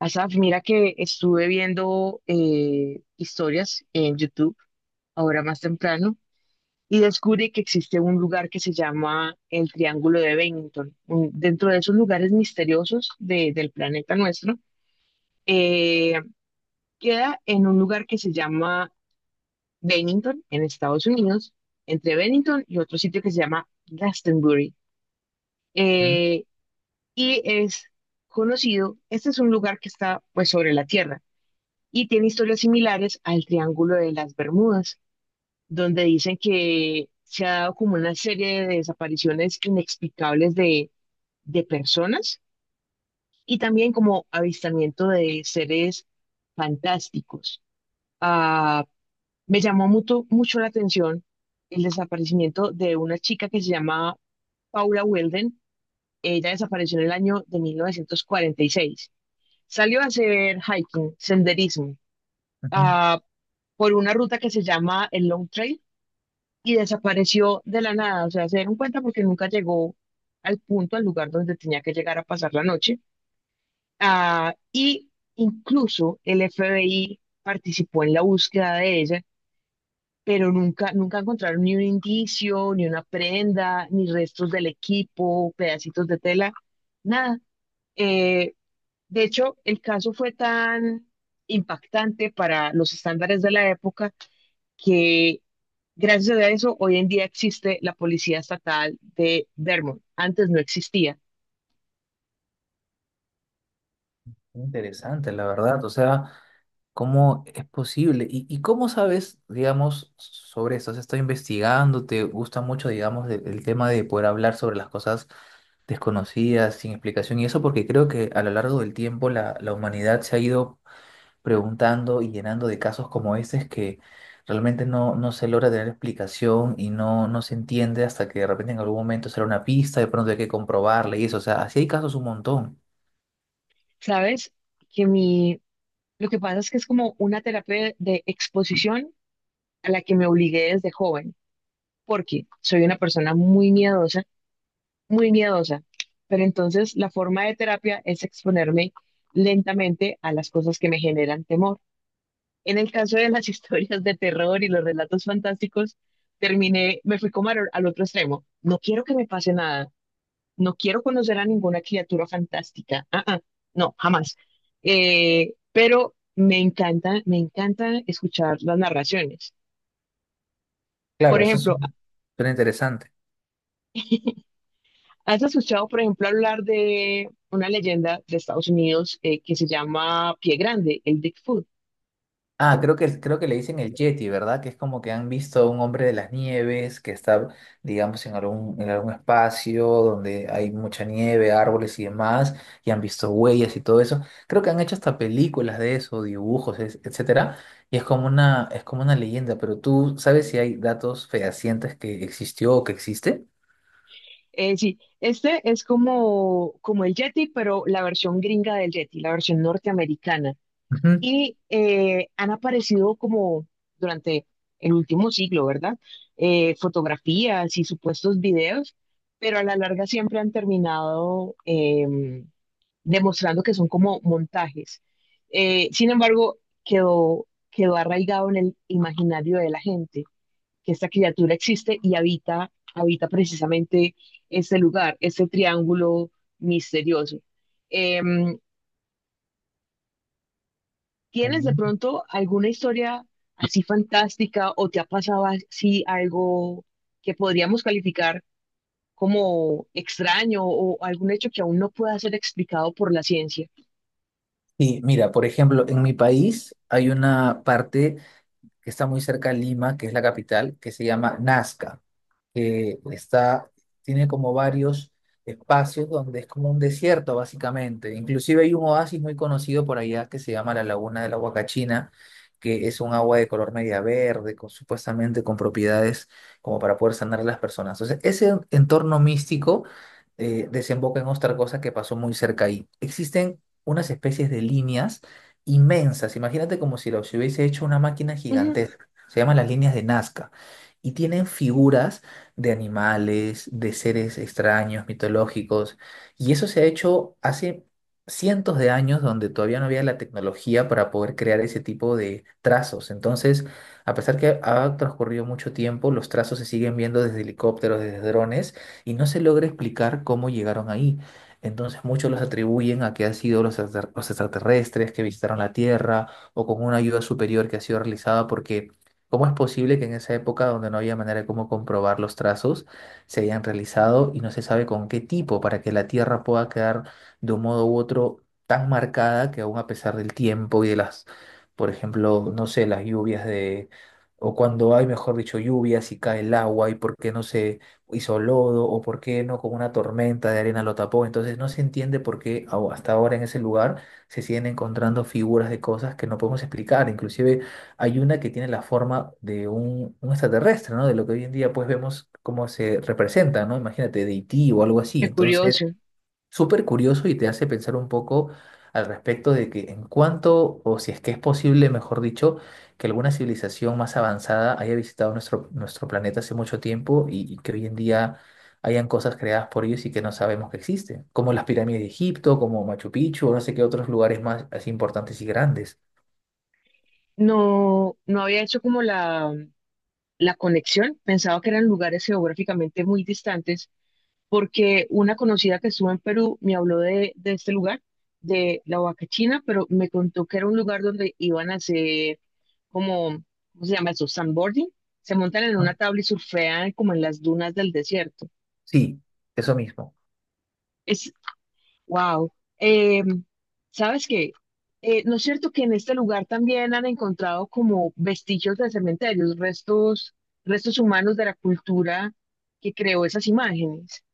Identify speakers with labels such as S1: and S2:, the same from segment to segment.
S1: Asaf, mira que estuve viendo historias en YouTube ahora más temprano y descubrí que existe un lugar que se llama el Triángulo de Bennington. Dentro de esos lugares misteriosos del planeta nuestro, eh, queda en un lugar que se llama Bennington, en Estados Unidos, entre Bennington y otro sitio que se llama Glastonbury.
S2: Ujú,
S1: Eh, y es conocido, este es un lugar que está pues sobre la Tierra, y tiene historias similares al Triángulo de las Bermudas, donde dicen que se ha dado como una serie de desapariciones inexplicables de personas y también como avistamiento de seres fantásticos. Ah, Me llamó mucho, mucho la atención el desaparecimiento de una chica que se llama Paula Weldon. Ella desapareció en el año de 1946. Salió a hacer hiking, senderismo.
S2: ujú.
S1: Ah, por una ruta que se llama el Long Trail y desapareció de la nada. O sea, se dieron cuenta porque nunca llegó al punto, al lugar donde tenía que llegar a pasar la noche. Y incluso el FBI participó en la búsqueda de ella, pero nunca, nunca encontraron ni un indicio, ni una prenda, ni restos del equipo, pedacitos de tela, nada. Eh, de hecho, el caso fue tan impactante para los estándares de la época que gracias a eso hoy en día existe la Policía Estatal de Vermont. Antes no existía.
S2: Interesante, la verdad. O sea, ¿cómo es posible? ¿Y, cómo sabes, digamos, sobre esto? ¿Has estado investigando? ¿Te gusta mucho, digamos, el tema de poder hablar sobre las cosas desconocidas, sin explicación? Y eso porque creo que a lo largo del tiempo la humanidad se ha ido preguntando y llenando de casos como este que realmente no se logra tener explicación y no se entiende hasta que de repente en algún momento será una pista, de pronto hay que comprobarla y eso. O sea, así hay casos un montón.
S1: ¿Sabes? Que mi, lo que pasa es que es como una terapia de exposición a la que me obligué desde joven, porque soy una persona muy miedosa, muy miedosa. Pero entonces la forma de terapia es exponerme lentamente a las cosas que me generan temor. En el caso de las historias de terror y los relatos fantásticos, me fui como al otro extremo. No quiero que me pase nada, no quiero conocer a ninguna criatura fantástica. No, jamás. Pero me encanta escuchar las narraciones. Por
S2: Claro, eso
S1: ejemplo,
S2: suena, suena interesante.
S1: ¿has escuchado, por ejemplo, hablar de una leyenda de Estados Unidos que se llama Pie Grande, el Bigfoot?
S2: Ah, creo que le dicen el Yeti, ¿verdad? Que es como que han visto a un hombre de las nieves que está, digamos, en algún espacio donde hay mucha nieve, árboles y demás, y han visto huellas y todo eso. Creo que han hecho hasta películas de eso, dibujos, etcétera, y es como una leyenda, pero tú sabes si hay datos fehacientes que existió o que existe.
S1: Sí, este es como, como el Yeti, pero la versión gringa del Yeti, la versión norteamericana.
S2: Ujú.
S1: Y han aparecido como durante el último siglo, ¿verdad? Fotografías y supuestos videos, pero a la larga siempre han terminado demostrando que son como montajes. Sin embargo, quedó arraigado en el imaginario de la gente, que esta criatura existe y habita precisamente este lugar, este triángulo misterioso. Em, ¿Tienes de
S2: Ujú.
S1: pronto alguna historia así fantástica o te ha pasado así algo que podríamos calificar como extraño o algún hecho que aún no pueda ser explicado por la ciencia?
S2: Sí, mira, por ejemplo, en mi país hay una parte que está muy cerca de Lima, que es la capital, que se llama Nazca que está, tiene como varios espacios donde es como un desierto básicamente. Inclusive hay un oasis muy conocido por allá que se llama la Laguna de la Huacachina, que es un agua de color media verde, con, supuestamente con propiedades como para poder sanar a las personas. Entonces, ese entorno místico desemboca en otra cosa que pasó muy cerca ahí. Existen unas especies de líneas inmensas, imagínate como si lo si hubiese hecho una máquina
S1: Ujú,
S2: gigantesca. Se llaman las líneas de Nazca y tienen figuras de animales, de seres extraños, mitológicos. Y eso se ha hecho hace cientos de años donde todavía no había la tecnología para poder crear ese tipo de trazos. Entonces, a pesar que ha transcurrido mucho tiempo, los trazos se siguen viendo desde helicópteros, desde drones, y no se logra explicar cómo llegaron ahí. Entonces muchos los atribuyen a que han sido los, los extraterrestres que visitaron la Tierra o con una ayuda superior que ha sido realizada porque ¿cómo es posible que en esa época donde no había manera de cómo comprobar los trazos se hayan realizado y no se sabe con qué tipo para que la Tierra pueda quedar de un modo u otro tan marcada que aún a pesar del tiempo y de las, por ejemplo, no sé, las lluvias de, o cuando hay, mejor dicho, lluvias y cae el agua y por qué no se hizo lodo o por qué no con una tormenta de arena lo tapó? Entonces no se entiende por qué hasta ahora en ese lugar se siguen encontrando figuras de cosas que no podemos explicar, inclusive hay una que tiene la forma de un extraterrestre, ¿no? De lo que hoy en día pues vemos cómo se representa, ¿no? Imagínate, de E.T. o algo así.
S1: qué
S2: Entonces,
S1: curioso.
S2: súper curioso y te hace pensar un poco al respecto de que en cuanto, o si es que es posible, mejor dicho, que alguna civilización más avanzada haya visitado nuestro, nuestro planeta hace mucho tiempo y que hoy en día hayan cosas creadas por ellos y que no sabemos que existen, como las pirámides de Egipto, como Machu Picchu, o no sé qué otros lugares más así importantes y grandes.
S1: No, no había hecho como la conexión, pensaba que eran lugares geográficamente muy distantes, porque una conocida que estuvo en Perú me habló de este lugar, de la Huaca China, pero me contó que era un lugar donde iban a hacer como, ¿cómo se llama eso? Sandboarding. Se montan en
S2: Ah,
S1: una tabla y surfean como en las dunas del desierto.
S2: sí, eso mismo.
S1: Es Wow. ¿Sabes qué? ¿No es cierto que en este lugar también han encontrado como vestigios de cementerios, restos humanos de la cultura que creó esas imágenes?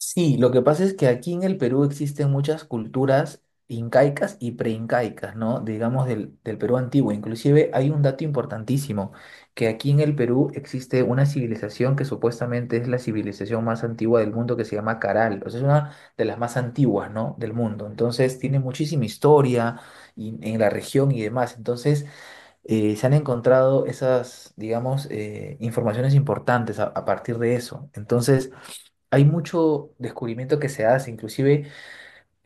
S2: Sí, lo que pasa es que aquí en el Perú existen muchas culturas incaicas y preincaicas, ¿no? Digamos del Perú antiguo. Inclusive hay un dato importantísimo, que aquí en el Perú existe una civilización que supuestamente es la civilización más antigua del mundo que se llama Caral. O sea, es una de las más antiguas, ¿no? Del mundo. Entonces tiene muchísima historia y- en la región y demás. Entonces se han encontrado esas, digamos, informaciones importantes a partir de eso. Entonces... Hay mucho descubrimiento que se hace, inclusive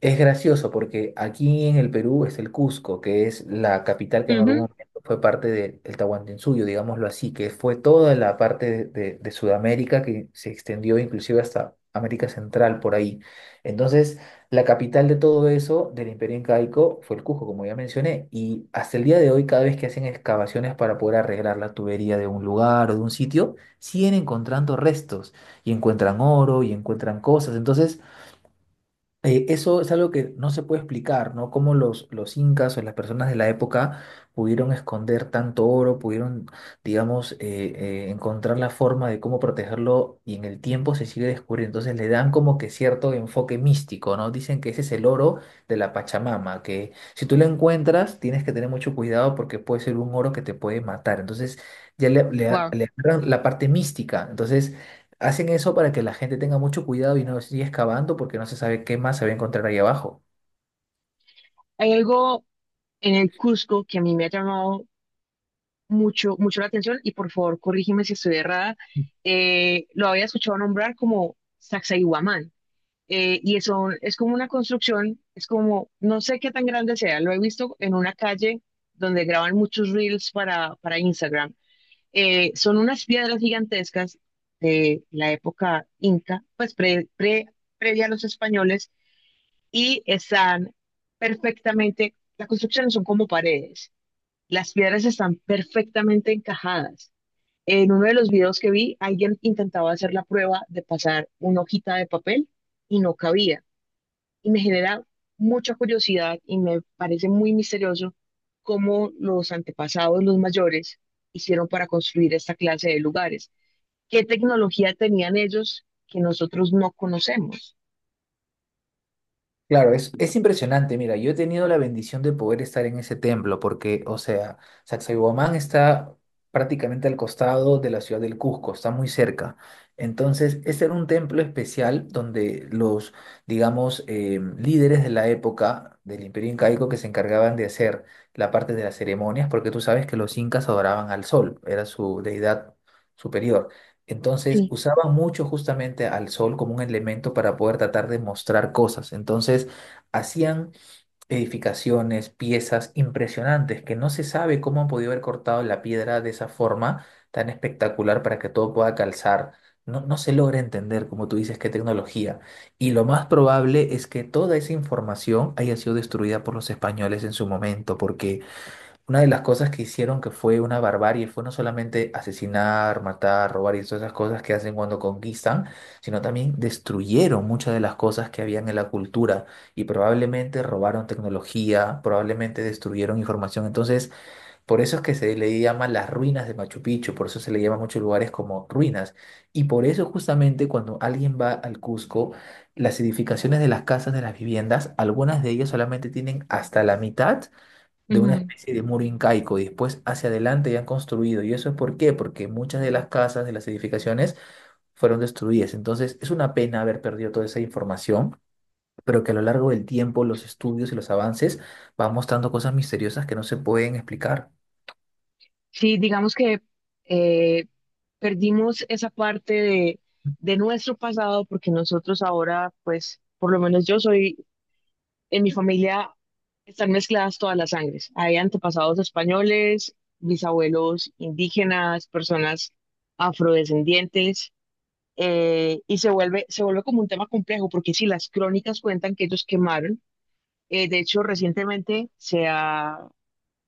S2: es gracioso porque aquí en el Perú es el Cusco, que es la capital que en algún momento fue parte del Tahuantinsuyo, digámoslo así, que fue toda la parte de, de Sudamérica que se extendió inclusive hasta América Central por ahí. Entonces, la capital de todo eso del Imperio Incaico fue el Cusco, como ya mencioné, y hasta el día de hoy cada vez que hacen excavaciones para poder arreglar la tubería de un lugar o de un sitio, siguen encontrando restos y encuentran oro y encuentran cosas. Entonces, eso es algo que no se puede explicar, ¿no? Cómo los incas o las personas de la época pudieron esconder tanto oro, pudieron, digamos, encontrar la forma de cómo protegerlo y en el tiempo se sigue descubriendo. Entonces le dan como que cierto enfoque místico, ¿no? Dicen que ese es el oro de la Pachamama, que si tú lo encuentras tienes que tener mucho cuidado porque puede ser un oro que te puede matar. Entonces ya
S1: Wow.
S2: le agarran la parte mística. Entonces... Hacen eso para que la gente tenga mucho cuidado y no siga excavando porque no se sabe qué más se va a encontrar ahí abajo.
S1: Hay algo en el Cusco que a mí me ha llamado mucho, mucho la atención, y por favor corrígeme si estoy errada. Lo había escuchado nombrar como Sacsayhuamán. Y eso es como una construcción, es como, no sé qué tan grande sea, lo he visto en una calle donde graban muchos reels para Instagram. Son unas piedras gigantescas de la época inca, pues previa a los españoles, y están perfectamente, las construcciones son como paredes, las piedras están perfectamente encajadas. En uno de los videos que vi, alguien intentaba hacer la prueba de pasar una hojita de papel y no cabía, y me genera mucha curiosidad y me parece muy misterioso cómo los antepasados, los mayores, hicieron para construir esta clase de lugares. ¿Qué tecnología tenían ellos que nosotros no conocemos?
S2: Claro, es impresionante. Mira, yo he tenido la bendición de poder estar en ese templo porque, o sea, Sacsayhuamán está prácticamente al costado de la ciudad del Cusco, está muy cerca. Entonces, este era un templo especial donde los, digamos, líderes de la época del Imperio Incaico que se encargaban de hacer la parte de las ceremonias, porque tú sabes que los incas adoraban al sol, era su deidad superior. Entonces
S1: Sí.
S2: usaban mucho justamente al sol como un elemento para poder tratar de mostrar cosas. Entonces hacían edificaciones, piezas impresionantes que no se sabe cómo han podido haber cortado la piedra de esa forma tan espectacular para que todo pueda calzar. No, no se logra entender, como tú dices, qué tecnología. Y lo más probable es que toda esa información haya sido destruida por los españoles en su momento, porque una de las cosas que hicieron que fue una barbarie fue no solamente asesinar, matar, robar y todas esas cosas que hacen cuando conquistan, sino también destruyeron muchas de las cosas que habían en la cultura y probablemente robaron tecnología, probablemente destruyeron información. Entonces, por eso es que se le llama las ruinas de Machu Picchu, por eso se le llama a muchos lugares como ruinas. Y por eso justamente cuando alguien va al Cusco, las edificaciones de las casas, de las viviendas, algunas de ellas solamente tienen hasta la mitad de una
S1: Ujú.
S2: especie de muro incaico y después hacia adelante ya han construido. ¿Y eso es por qué? Porque muchas de las casas, de las edificaciones, fueron destruidas. Entonces, es una pena haber perdido toda esa información, pero que a lo largo del tiempo los estudios y los avances van mostrando cosas misteriosas que no se pueden explicar.
S1: Sí, digamos que eh, perdimos esa parte de nuestro pasado porque nosotros ahora, pues, por lo menos yo soy en mi familia, están mezcladas todas las sangres. Hay antepasados españoles, bisabuelos indígenas, personas afrodescendientes, y se vuelve como un tema complejo, porque si las crónicas cuentan que ellos quemaron, de hecho recientemente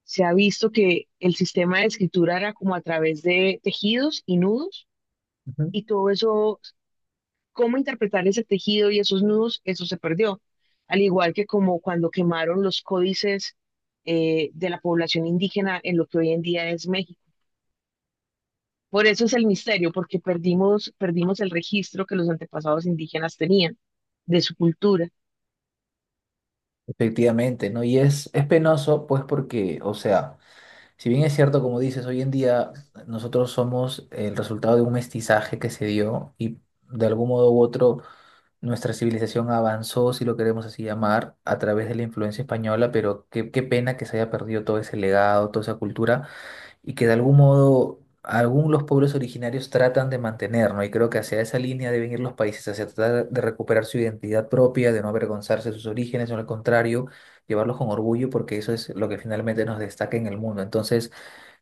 S1: se ha visto que el sistema de escritura era como a través de tejidos y nudos,
S2: Ujú.
S1: y todo eso cómo interpretar ese tejido y esos nudos, eso se perdió. Al igual que como cuando quemaron los códices de la población indígena en lo que hoy en día es México. Por eso es el misterio, porque perdimos, perdimos el registro que los antepasados indígenas tenían de su cultura.
S2: Efectivamente, ¿no? Y es penoso, pues porque, o sea, si bien es cierto, como dices, hoy en día nosotros somos el resultado de un mestizaje que se dio y de algún modo u otro nuestra civilización avanzó, si lo queremos así llamar, a través de la influencia española, pero qué, qué pena que se haya perdido todo ese legado, toda esa cultura, y que de algún modo algunos los pueblos originarios tratan de mantener, ¿no? Y creo que hacia esa línea deben ir los países, hacia tratar de recuperar su identidad propia, de no avergonzarse de sus orígenes, o al contrario, llevarlos con orgullo, porque eso es lo que finalmente nos destaca en el mundo. Entonces,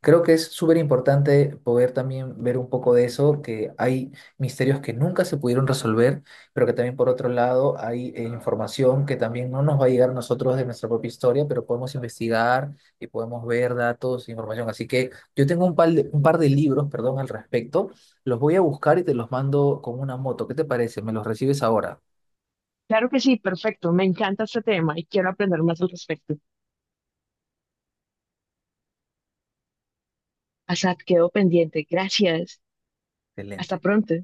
S2: creo que es súper importante poder también ver un poco de eso, que hay misterios que nunca se pudieron resolver, pero que también por otro lado hay información que también no nos va a llegar a nosotros de nuestra propia historia, pero podemos investigar y podemos ver datos, e información. Así que yo tengo un par de libros, perdón, al respecto. Los voy a buscar y te los mando con una moto. ¿Qué te parece? ¿Me los recibes ahora?
S1: Claro que sí, perfecto, me encanta este tema y quiero aprender más al respecto. Asad, quedo pendiente. Gracias. Hasta
S2: Excelente.
S1: pronto.